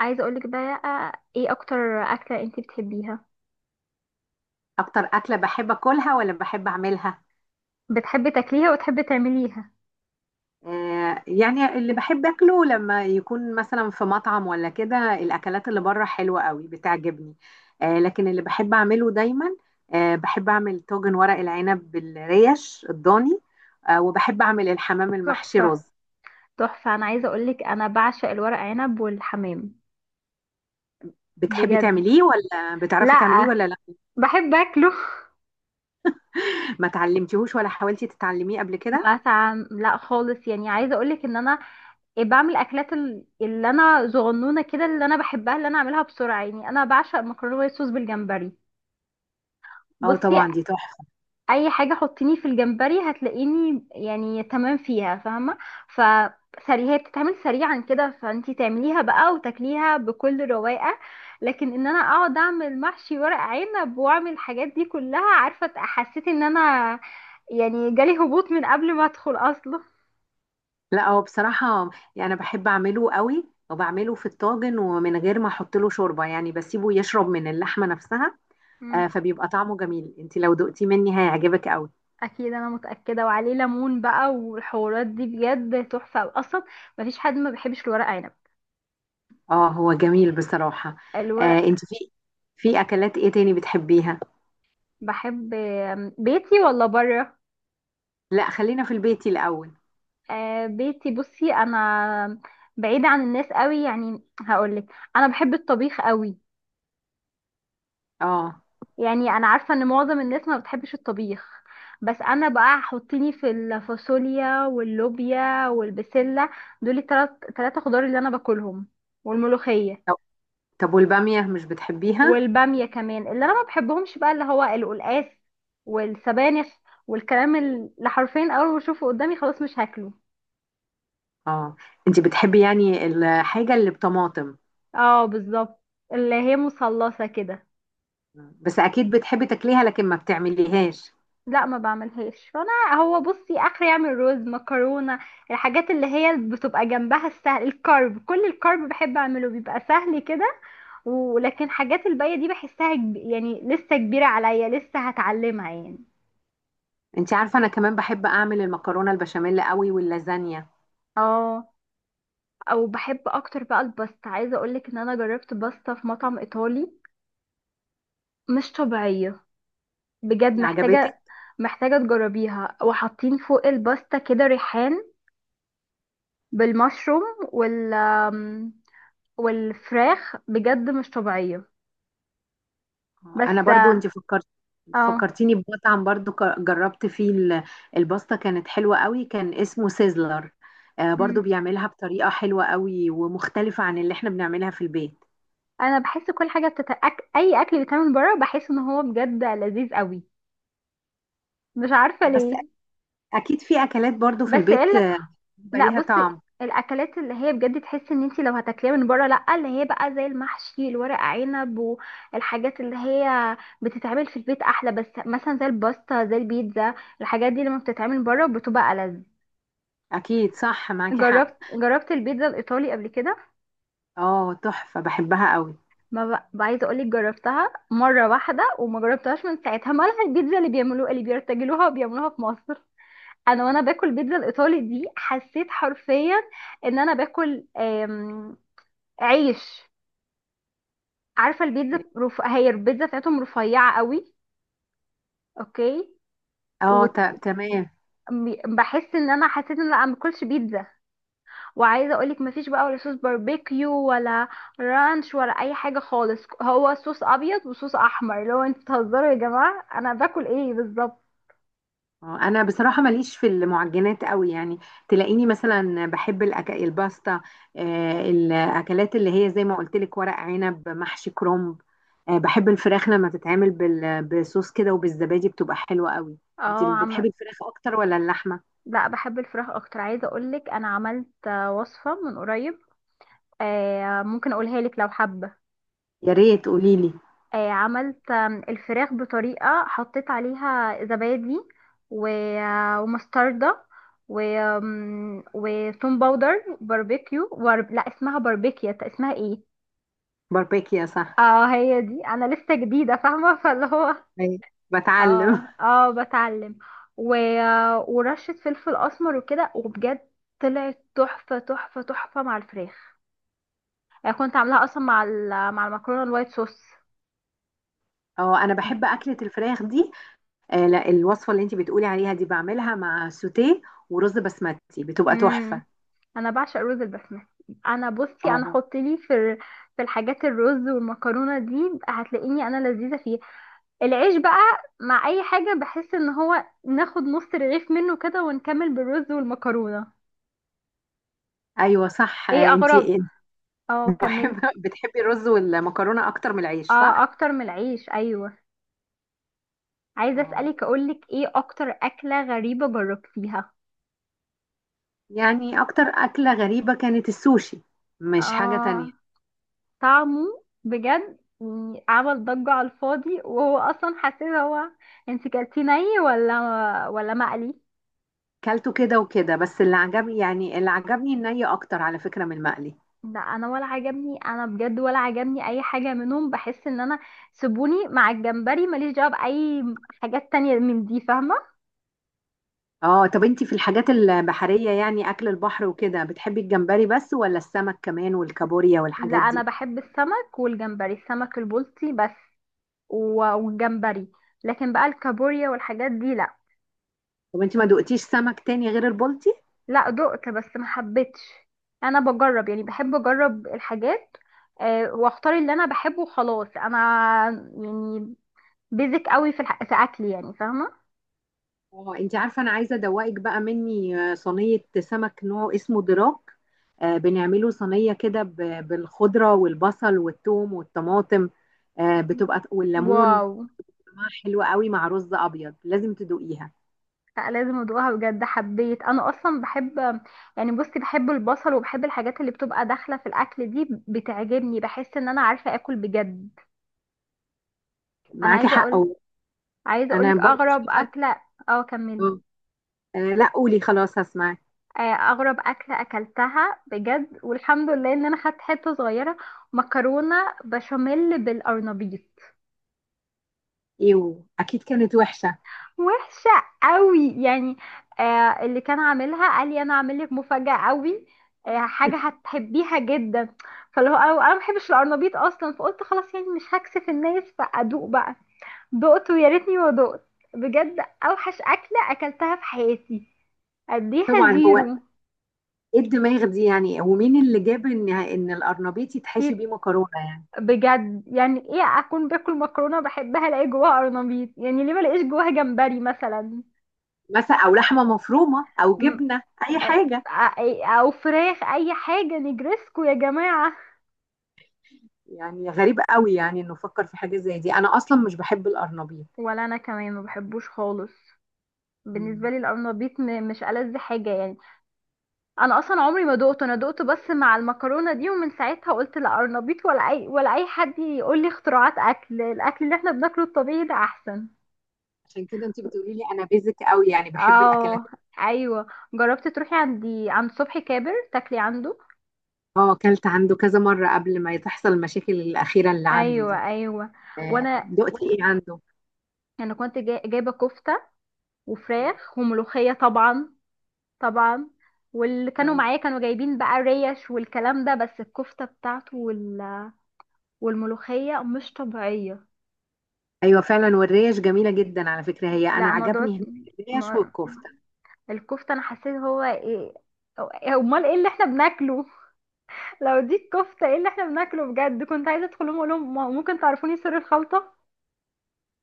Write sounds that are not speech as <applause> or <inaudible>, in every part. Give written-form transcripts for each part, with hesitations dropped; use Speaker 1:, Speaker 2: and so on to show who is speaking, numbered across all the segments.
Speaker 1: عايزه اقولك بقى، ايه اكتر اكله انت بتحبيها؟
Speaker 2: اكتر اكله بحب اكلها ولا بحب اعملها؟
Speaker 1: بتحبي تاكليها وتحبي تعمليها؟
Speaker 2: آه، يعني اللي بحب اكله لما يكون مثلا في مطعم ولا كده، الاكلات اللي بره حلوه قوي بتعجبني. آه، لكن اللي بحب اعمله دايما، آه، بحب اعمل طاجن ورق العنب بالريش الضاني. آه، وبحب اعمل الحمام المحشي
Speaker 1: تحفه،
Speaker 2: رز.
Speaker 1: تحفه. انا عايزه اقولك، انا بعشق الورق عنب والحمام.
Speaker 2: بتحبي
Speaker 1: بجد؟
Speaker 2: تعمليه ولا بتعرفي تعمليه
Speaker 1: لا،
Speaker 2: ولا لا؟
Speaker 1: بحب اكله.
Speaker 2: ما تعلمتيهوش ولا حاولتي تتعلميه قبل
Speaker 1: <laughs>
Speaker 2: كده؟
Speaker 1: مثلا لا خالص، يعني عايزه اقولك ان انا بعمل اكلات اللي انا صغنونه كده، اللي انا بحبها، اللي انا اعملها بسرعه. يعني انا بعشق مكرونه وايت صوص بالجمبري.
Speaker 2: اه،
Speaker 1: بصي،
Speaker 2: طبعا دي تحفه.
Speaker 1: اي حاجه حطيني في الجمبري هتلاقيني يعني تمام فيها، فاهمه؟ فسريع، هي بتتعمل سريعا كده فانتي تعمليها بقى وتاكليها بكل رواقه. لكن ان انا اقعد اعمل محشي ورق عنب واعمل الحاجات دي كلها، عارفه؟ حسيت ان انا يعني جالي هبوط من قبل ما ادخل اصلا.
Speaker 2: لا، هو بصراحة، يعني أنا بحب أعمله قوي، وبعمله في الطاجن ومن غير ما أحط له شوربة، يعني بسيبه يشرب من اللحمة نفسها. آه،
Speaker 1: مم.
Speaker 2: فبيبقى طعمه جميل. أنت لو دقتي مني هيعجبك قوي.
Speaker 1: اكيد انا متاكده، وعليه ليمون بقى والحوارات دي بجد تحفه اصلا. مفيش حد ما بيحبش الورق عنب
Speaker 2: اه، هو جميل بصراحة. آه،
Speaker 1: الورق.
Speaker 2: أنت في أكلات إيه تاني بتحبيها؟
Speaker 1: بحب بيتي ولا بره؟
Speaker 2: لا، خلينا في البيت الأول.
Speaker 1: آه بيتي. بصي، انا بعيدة عن الناس قوي، يعني هقولك انا بحب الطبيخ قوي.
Speaker 2: اه،
Speaker 1: يعني انا عارفة ان معظم الناس ما بتحبش الطبيخ، بس انا بقى حطيني في الفاصوليا واللوبيا والبسلة. دول التلات تلاتة خضار اللي انا باكلهم، والملوخية.
Speaker 2: طب طب والبامية مش بتحبيها؟
Speaker 1: والبامية كمان. اللي انا ما بحبهمش بقى اللي هو القلقاس والسبانخ والكلام اللي حرفيا اول ما اشوفه قدامي خلاص مش هاكله.
Speaker 2: اه، أنت بتحبي يعني الحاجة اللي بطماطم.
Speaker 1: اه، بالظبط، اللي هي مثلثة كده.
Speaker 2: بس أكيد بتحبي تاكليها لكن ما بتعمليهاش.
Speaker 1: لا، ما بعملهاش. فانا هو بصي اخر يعمل رز مكرونه، الحاجات اللي هي بتبقى جنبها السهل، الكارب. كل الكارب بحب اعمله، بيبقى سهل كده. ولكن حاجات الباقيه دي بحسها يعني لسه كبيره عليا، لسه هتعلمها يعني.
Speaker 2: انت عارفه، انا كمان بحب اعمل المكرونه البشاميل قوي واللازانيا.
Speaker 1: اه. او بحب اكتر بقى الباستا، عايزه اقولك ان انا جربت باستا في مطعم ايطالي مش طبيعيه. بجد
Speaker 2: عجبتك؟
Speaker 1: محتاجه، محتاجه تجربيها. وحاطين فوق الباستا كده ريحان بالمشروم وال آمم، والفراخ، بجد مش طبيعية.
Speaker 2: انا
Speaker 1: بس
Speaker 2: برضو
Speaker 1: اه.
Speaker 2: انت فكرت،
Speaker 1: آه.
Speaker 2: فكرتيني بمطعم برضو، جربت فيه الباستا، كانت حلوه قوي، كان اسمه سيزلر. آه، برضو
Speaker 1: مم.
Speaker 2: بيعملها بطريقه حلوه قوي ومختلفه عن اللي احنا بنعملها في البيت.
Speaker 1: انا بحس كل حاجة اي اكل بيتعمل بره بحس ان هو بجد لذيذ قوي، مش عارفة
Speaker 2: بس
Speaker 1: ليه.
Speaker 2: اكيد في اكلات برضو في
Speaker 1: بس
Speaker 2: البيت
Speaker 1: الا
Speaker 2: آه، بيبقى
Speaker 1: لا،
Speaker 2: ليها
Speaker 1: بصي
Speaker 2: طعم.
Speaker 1: الاكلات اللي هي بجد تحس ان انتي لو هتاكليها من بره، لا، اللي هي بقى زي المحشي الورق عنب والحاجات اللي هي بتتعمل في البيت احلى. بس مثلا زي الباستا، زي البيتزا، الحاجات دي لما بتتعمل بره بتبقى ألذ.
Speaker 2: اكيد صح، معاكي حق.
Speaker 1: جربت البيتزا الايطالي قبل كده.
Speaker 2: اه، تحفه بحبها قوي.
Speaker 1: ما بقى عايزه اقول لك جربتها مره واحده وما جربتهاش من ساعتها، مالها البيتزا اللي بيعملوها، اللي بيرتجلوها وبيعملوها في مصر. انا وانا باكل البيتزا الايطالي دي حسيت حرفيا ان انا باكل عيش. عارفه البيتزا هي البيتزا بتاعتهم رفيعه قوي. اوكي.
Speaker 2: اه، تمام.
Speaker 1: وبحس ان انا حسيت ان انا ما باكلش بيتزا. وعايزه اقولك مفيش بقى ولا صوص باربيكيو ولا رانش ولا اي حاجه خالص. هو صوص ابيض وصوص احمر، لو انتوا بتهزروا يا جماعه انا باكل ايه بالظبط.
Speaker 2: اه، انا بصراحه ماليش في المعجنات قوي يعني. تلاقيني مثلا بحب الباستا. آه، الاكلات اللي هي زي ما قلت لك، ورق عنب، محشي كرنب. آه، بحب الفراخ لما تتعمل بصوص كده وبالزبادي، بتبقى حلوه قوي. انت
Speaker 1: اه
Speaker 2: اللي
Speaker 1: عم.
Speaker 2: بتحبي الفراخ اكتر ولا اللحمه؟
Speaker 1: لا بحب الفراخ اكتر. عايزه اقولك انا عملت وصفه من قريب. آه، ممكن اقولها لك لو حابه.
Speaker 2: يا ريت قولي لي.
Speaker 1: آه عملت الفراخ بطريقه، حطيت عليها زبادي، و- ومستردة، و آم، وتوم باودر باربيكيو، لا اسمها باربيكيا، اسمها ايه؟
Speaker 2: باربيكيا صح.
Speaker 1: اه هي دي، انا لسه جديده فاهمه. <laughs> فاللي هو
Speaker 2: أيوة. بتعلم
Speaker 1: اه
Speaker 2: <laughs>
Speaker 1: اه بتعلم. و... ورشه فلفل اسمر وكده، وبجد طلعت تحفه تحفه تحفه مع الفراخ. يعني كنت عاملاها اصلا مع مع المكرونه الوايت صوص.
Speaker 2: اه، انا بحب اكله الفراخ دي. آه، لا، الوصفه اللي انت بتقولي عليها دي بعملها مع سوتيه ورز بسمتي، بتبقى
Speaker 1: امم.
Speaker 2: تحفه.
Speaker 1: انا بعشق رز البسمتي. انا بصي انا
Speaker 2: اه،
Speaker 1: حط لي في في الحاجات، الرز والمكرونه دي هتلاقيني انا لذيذه فيه. العيش بقى مع اي حاجه بحس ان هو ناخد نص رغيف منه كده ونكمل بالرز والمكرونه.
Speaker 2: ايوه صح.
Speaker 1: ايه
Speaker 2: آه،
Speaker 1: اغرب؟
Speaker 2: انتي
Speaker 1: اه كملي.
Speaker 2: محبة <laughs> بتحبي الرز والمكرونة أكتر من العيش
Speaker 1: اه
Speaker 2: صح؟
Speaker 1: اكتر من العيش، ايوه. عايزه
Speaker 2: اه،
Speaker 1: اسالك اقولك ايه اكتر اكله غريبه جربتيها؟
Speaker 2: يعني أكتر أكلة غريبة كانت السوشي، مش حاجة تانية.
Speaker 1: اه، طعمه بجد يعني عمل ضجه على الفاضي وهو اصلا، حسيت هو. انت كلتي ني ولا مقلي؟
Speaker 2: كلته كده وكده، بس اللي عجبني يعني اللي عجبني الني أكتر على فكرة من المقلي.
Speaker 1: لا انا ولا عجبني، انا بجد ولا عجبني اي حاجه منهم. بحس ان انا سيبوني مع الجمبري، ماليش دعوه باي حاجات تانية من دي، فاهمه؟
Speaker 2: اه، طب انتي في الحاجات البحرية، يعني أكل البحر وكده، بتحبي الجمبري بس ولا السمك كمان والكابوريا
Speaker 1: لا
Speaker 2: والحاجات
Speaker 1: انا
Speaker 2: دي؟
Speaker 1: بحب السمك والجمبري، السمك البلطي بس والجمبري. لكن بقى الكابوريا والحاجات دي لا.
Speaker 2: طب انتي ما دقتيش سمك تاني غير البلطي؟
Speaker 1: لا دقت بس ما حبيتش. انا بجرب، يعني بحب اجرب الحاجات، واختار اللي انا بحبه وخلاص. انا يعني بيزك قوي في في اكلي، يعني فاهمه.
Speaker 2: اه، انت عارفه انا عايزه ادوقك بقى مني صينيه سمك نوع اسمه دراك. آه، بنعمله صينيه كده بالخضره والبصل والثوم والطماطم. آه، بتبقى والليمون،
Speaker 1: واو.
Speaker 2: طعمها حلو قوي مع رز ابيض. لازم تدوقيها.
Speaker 1: لا لازم ادوقها بجد حبيت. انا اصلا بحب يعني، بصي بحب البصل وبحب الحاجات اللي بتبقى داخله في الاكل دي بتعجبني. بحس ان انا عارفه اكل بجد. انا
Speaker 2: معاكي
Speaker 1: عايزه
Speaker 2: حق
Speaker 1: اقول،
Speaker 2: أوي.
Speaker 1: عايزه
Speaker 2: انا
Speaker 1: اقولك
Speaker 2: برضه
Speaker 1: اغرب
Speaker 2: شايفه.
Speaker 1: اكله. اه كملي.
Speaker 2: آه، آه، لا، قولي خلاص هسمعك.
Speaker 1: آه، اغرب اكله اكلتها بجد، والحمد لله ان انا خدت حته صغيره. مكرونه بشاميل بالقرنبيط.
Speaker 2: ايه، واكيد كانت وحشه.
Speaker 1: وحشه قوي يعني. اللي كان عاملها قال لي انا عامل لك مفاجاه قوي، حاجه
Speaker 2: <laughs>
Speaker 1: هتحبيها جدا. فاللي هو انا ما بحبش القرنبيط اصلا، فقلت خلاص يعني مش هكسف الناس فادوق بقى. دقت ويا ريتني ما دقت، بجد اوحش اكله اكلتها في حياتي، اديها
Speaker 2: طبعا هو،
Speaker 1: زيرو.
Speaker 2: ايه الدماغ دي يعني؟ ومين اللي جاب ان القرنبيط يتحشي بيه مكرونه يعني؟
Speaker 1: بجد يعني ايه اكون باكل مكرونه بحبها الاقي جواها قرنبيط؟ يعني ليه ما الاقيش جواها جمبري مثلا؟
Speaker 2: مثلا او لحمه مفرومه او
Speaker 1: م-
Speaker 2: جبنه، اي
Speaker 1: أ-
Speaker 2: حاجه.
Speaker 1: او فراخ، اي حاجه، نجرسكو يا جماعه.
Speaker 2: يعني غريب قوي يعني انه فكر في حاجه زي دي. انا اصلا مش بحب القرنبيط.
Speaker 1: ولا انا كمان ما بحبوش خالص.
Speaker 2: مم.
Speaker 1: بالنسبه لي القرنبيط مش ألذ حاجه يعني. انا اصلا عمري ما دقته، انا دقته بس مع المكرونه دي، ومن ساعتها قلت لا قرنبيط ولا اي حد يقول لي اختراعات اكل. الاكل اللي احنا بناكله الطبيعي ده احسن.
Speaker 2: عشان كده انت بتقولي لي انا بيزك قوي يعني بحب الاكلات.
Speaker 1: اه. ايوه جربت. تروحي عندي عند صبحي كابر تاكلي عنده.
Speaker 2: اه، اكلت عنده كذا مره قبل ما تحصل المشاكل الاخيره اللي عنده دي.
Speaker 1: ايوه ايوه.
Speaker 2: آه،
Speaker 1: وانا
Speaker 2: دقتي ايه عنده؟
Speaker 1: كنت جايبه كفته وفراخ وملوخيه طبعا. طبعا. واللي كانوا
Speaker 2: آه.
Speaker 1: معايا كانوا جايبين بقى ريش والكلام ده. بس الكفته بتاعته والملوخيه مش طبيعيه.
Speaker 2: ايوه فعلا، والريش جميله جدا على فكره. هي انا
Speaker 1: لا موضوع
Speaker 2: عجبني هناك الريش
Speaker 1: ما...
Speaker 2: والكفته.
Speaker 1: الكفته، انا حسيت هو ايه؟ امال ايه اللي احنا بناكله؟ <laughs> لو دي الكفته ايه اللي احنا بناكله بجد؟ كنت عايزه ادخل لهم اقول لهم ممكن تعرفوني سر الخلطه.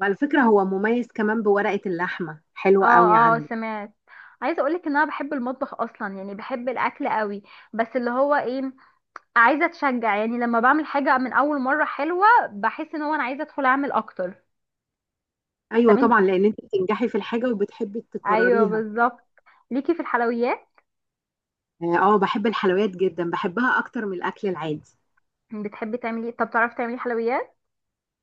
Speaker 2: وعلى فكره هو مميز كمان، بورقه اللحمه حلوه قوي
Speaker 1: اه اه
Speaker 2: عنده.
Speaker 1: سمعت. عايزه اقولك ان انا بحب المطبخ اصلا، يعني بحب الاكل قوي. بس اللي هو ايه؟ عايزه اتشجع يعني، لما بعمل حاجه من اول مره حلوه بحس ان هو انا عايزه ادخل اعمل اكتر. طب
Speaker 2: ايوه
Speaker 1: انت،
Speaker 2: طبعا، لان انت بتنجحي في الحاجه وبتحبي
Speaker 1: ايوه
Speaker 2: تكرريها.
Speaker 1: بالظبط ليكي في الحلويات.
Speaker 2: اه، آه، بحب الحلويات جدا، بحبها اكتر من الاكل العادي.
Speaker 1: بتحبي تعملي إيه؟ طب تعرفي تعملي حلويات؟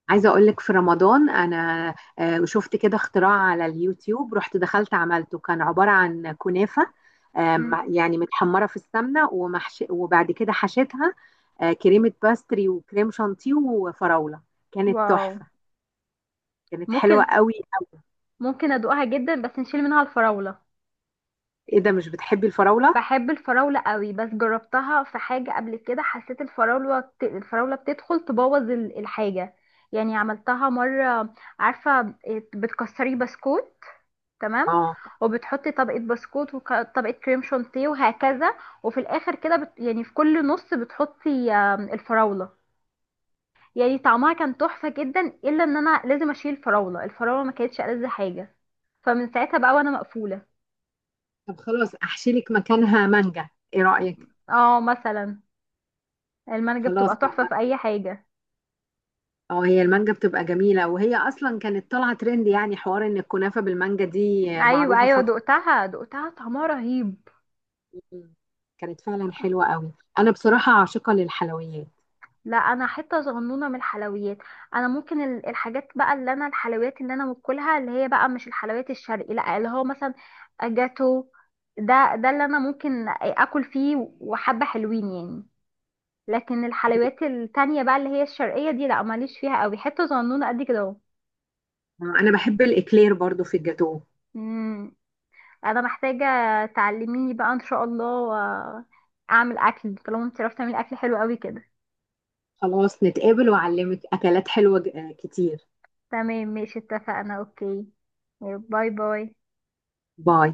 Speaker 2: عايزة أقول لك، في رمضان أنا شفت كده اختراع على اليوتيوب، رحت دخلت عملته. كان عبارة عن كنافة
Speaker 1: مم.
Speaker 2: يعني متحمرة في السمنة ومحش، وبعد كده حشيتها كريمة باستري وكريم شانتيه وفراولة. كانت
Speaker 1: واو.
Speaker 2: تحفة. كانت حلوة
Speaker 1: ممكن
Speaker 2: قوي قوي.
Speaker 1: ممكن ادوقها جدا بس نشيل منها الفراوله.
Speaker 2: إيه ده، مش بتحبي الفراولة؟
Speaker 1: بحب الفراولة قوي، بس جربتها في حاجة قبل كده حسيت الفراولة الفراولة بتدخل تبوظ الحاجة. يعني عملتها مرة، عارفة إيه، بتكسري بسكوت، تمام،
Speaker 2: آه،
Speaker 1: وبتحطي طبقة بسكوت وطبقة كريم شانتيه وهكذا. وفي الآخر كده يعني في كل نص بتحطي الفراولة. يعني طعمها كان تحفة جدا، إلا إن أنا لازم أشيل الفراولة، الفراولة ما كانتش ألذ حاجة. فمن ساعتها بقى وأنا مقفولة.
Speaker 2: طب خلاص أحشي لك مكانها مانجا، إيه رأيك؟
Speaker 1: اه مثلا. المانجا
Speaker 2: خلاص.
Speaker 1: بتبقى تحفة في أي حاجة.
Speaker 2: اه، هي المانجا بتبقى جميلة، وهي أصلا كانت طالعة ترند يعني، حوار إن الكنافة بالمانجا دي
Speaker 1: ايوه
Speaker 2: معروفة
Speaker 1: ايوه
Speaker 2: فترة.
Speaker 1: دقتها طعمها رهيب.
Speaker 2: مم. كانت فعلا حلوة قوي. أنا بصراحة عاشقة للحلويات.
Speaker 1: لا انا حته صغنونه من الحلويات. انا ممكن الحاجات بقى اللي انا الحلويات اللي انا باكلها اللي هي بقى مش الحلويات الشرقي، لا اللي هو مثلا جاتو، ده اللي انا ممكن اكل فيه وحبه حلوين يعني. لكن الحلويات التانية بقى اللي هي الشرقيه دي لا ماليش فيها قوي، حته صغنونه قد كده اهو.
Speaker 2: أنا بحب الإكلير برضو في الجاتو.
Speaker 1: مم. انا محتاجه تعلميني بقى ان شاء الله، اعمل اكل طالما انت عرفتي تعملي اكل حلو قوي كده.
Speaker 2: خلاص نتقابل وأعلمك أكلات حلوة كتير.
Speaker 1: تمام ماشي اتفقنا. اوكي باي باي.
Speaker 2: باي.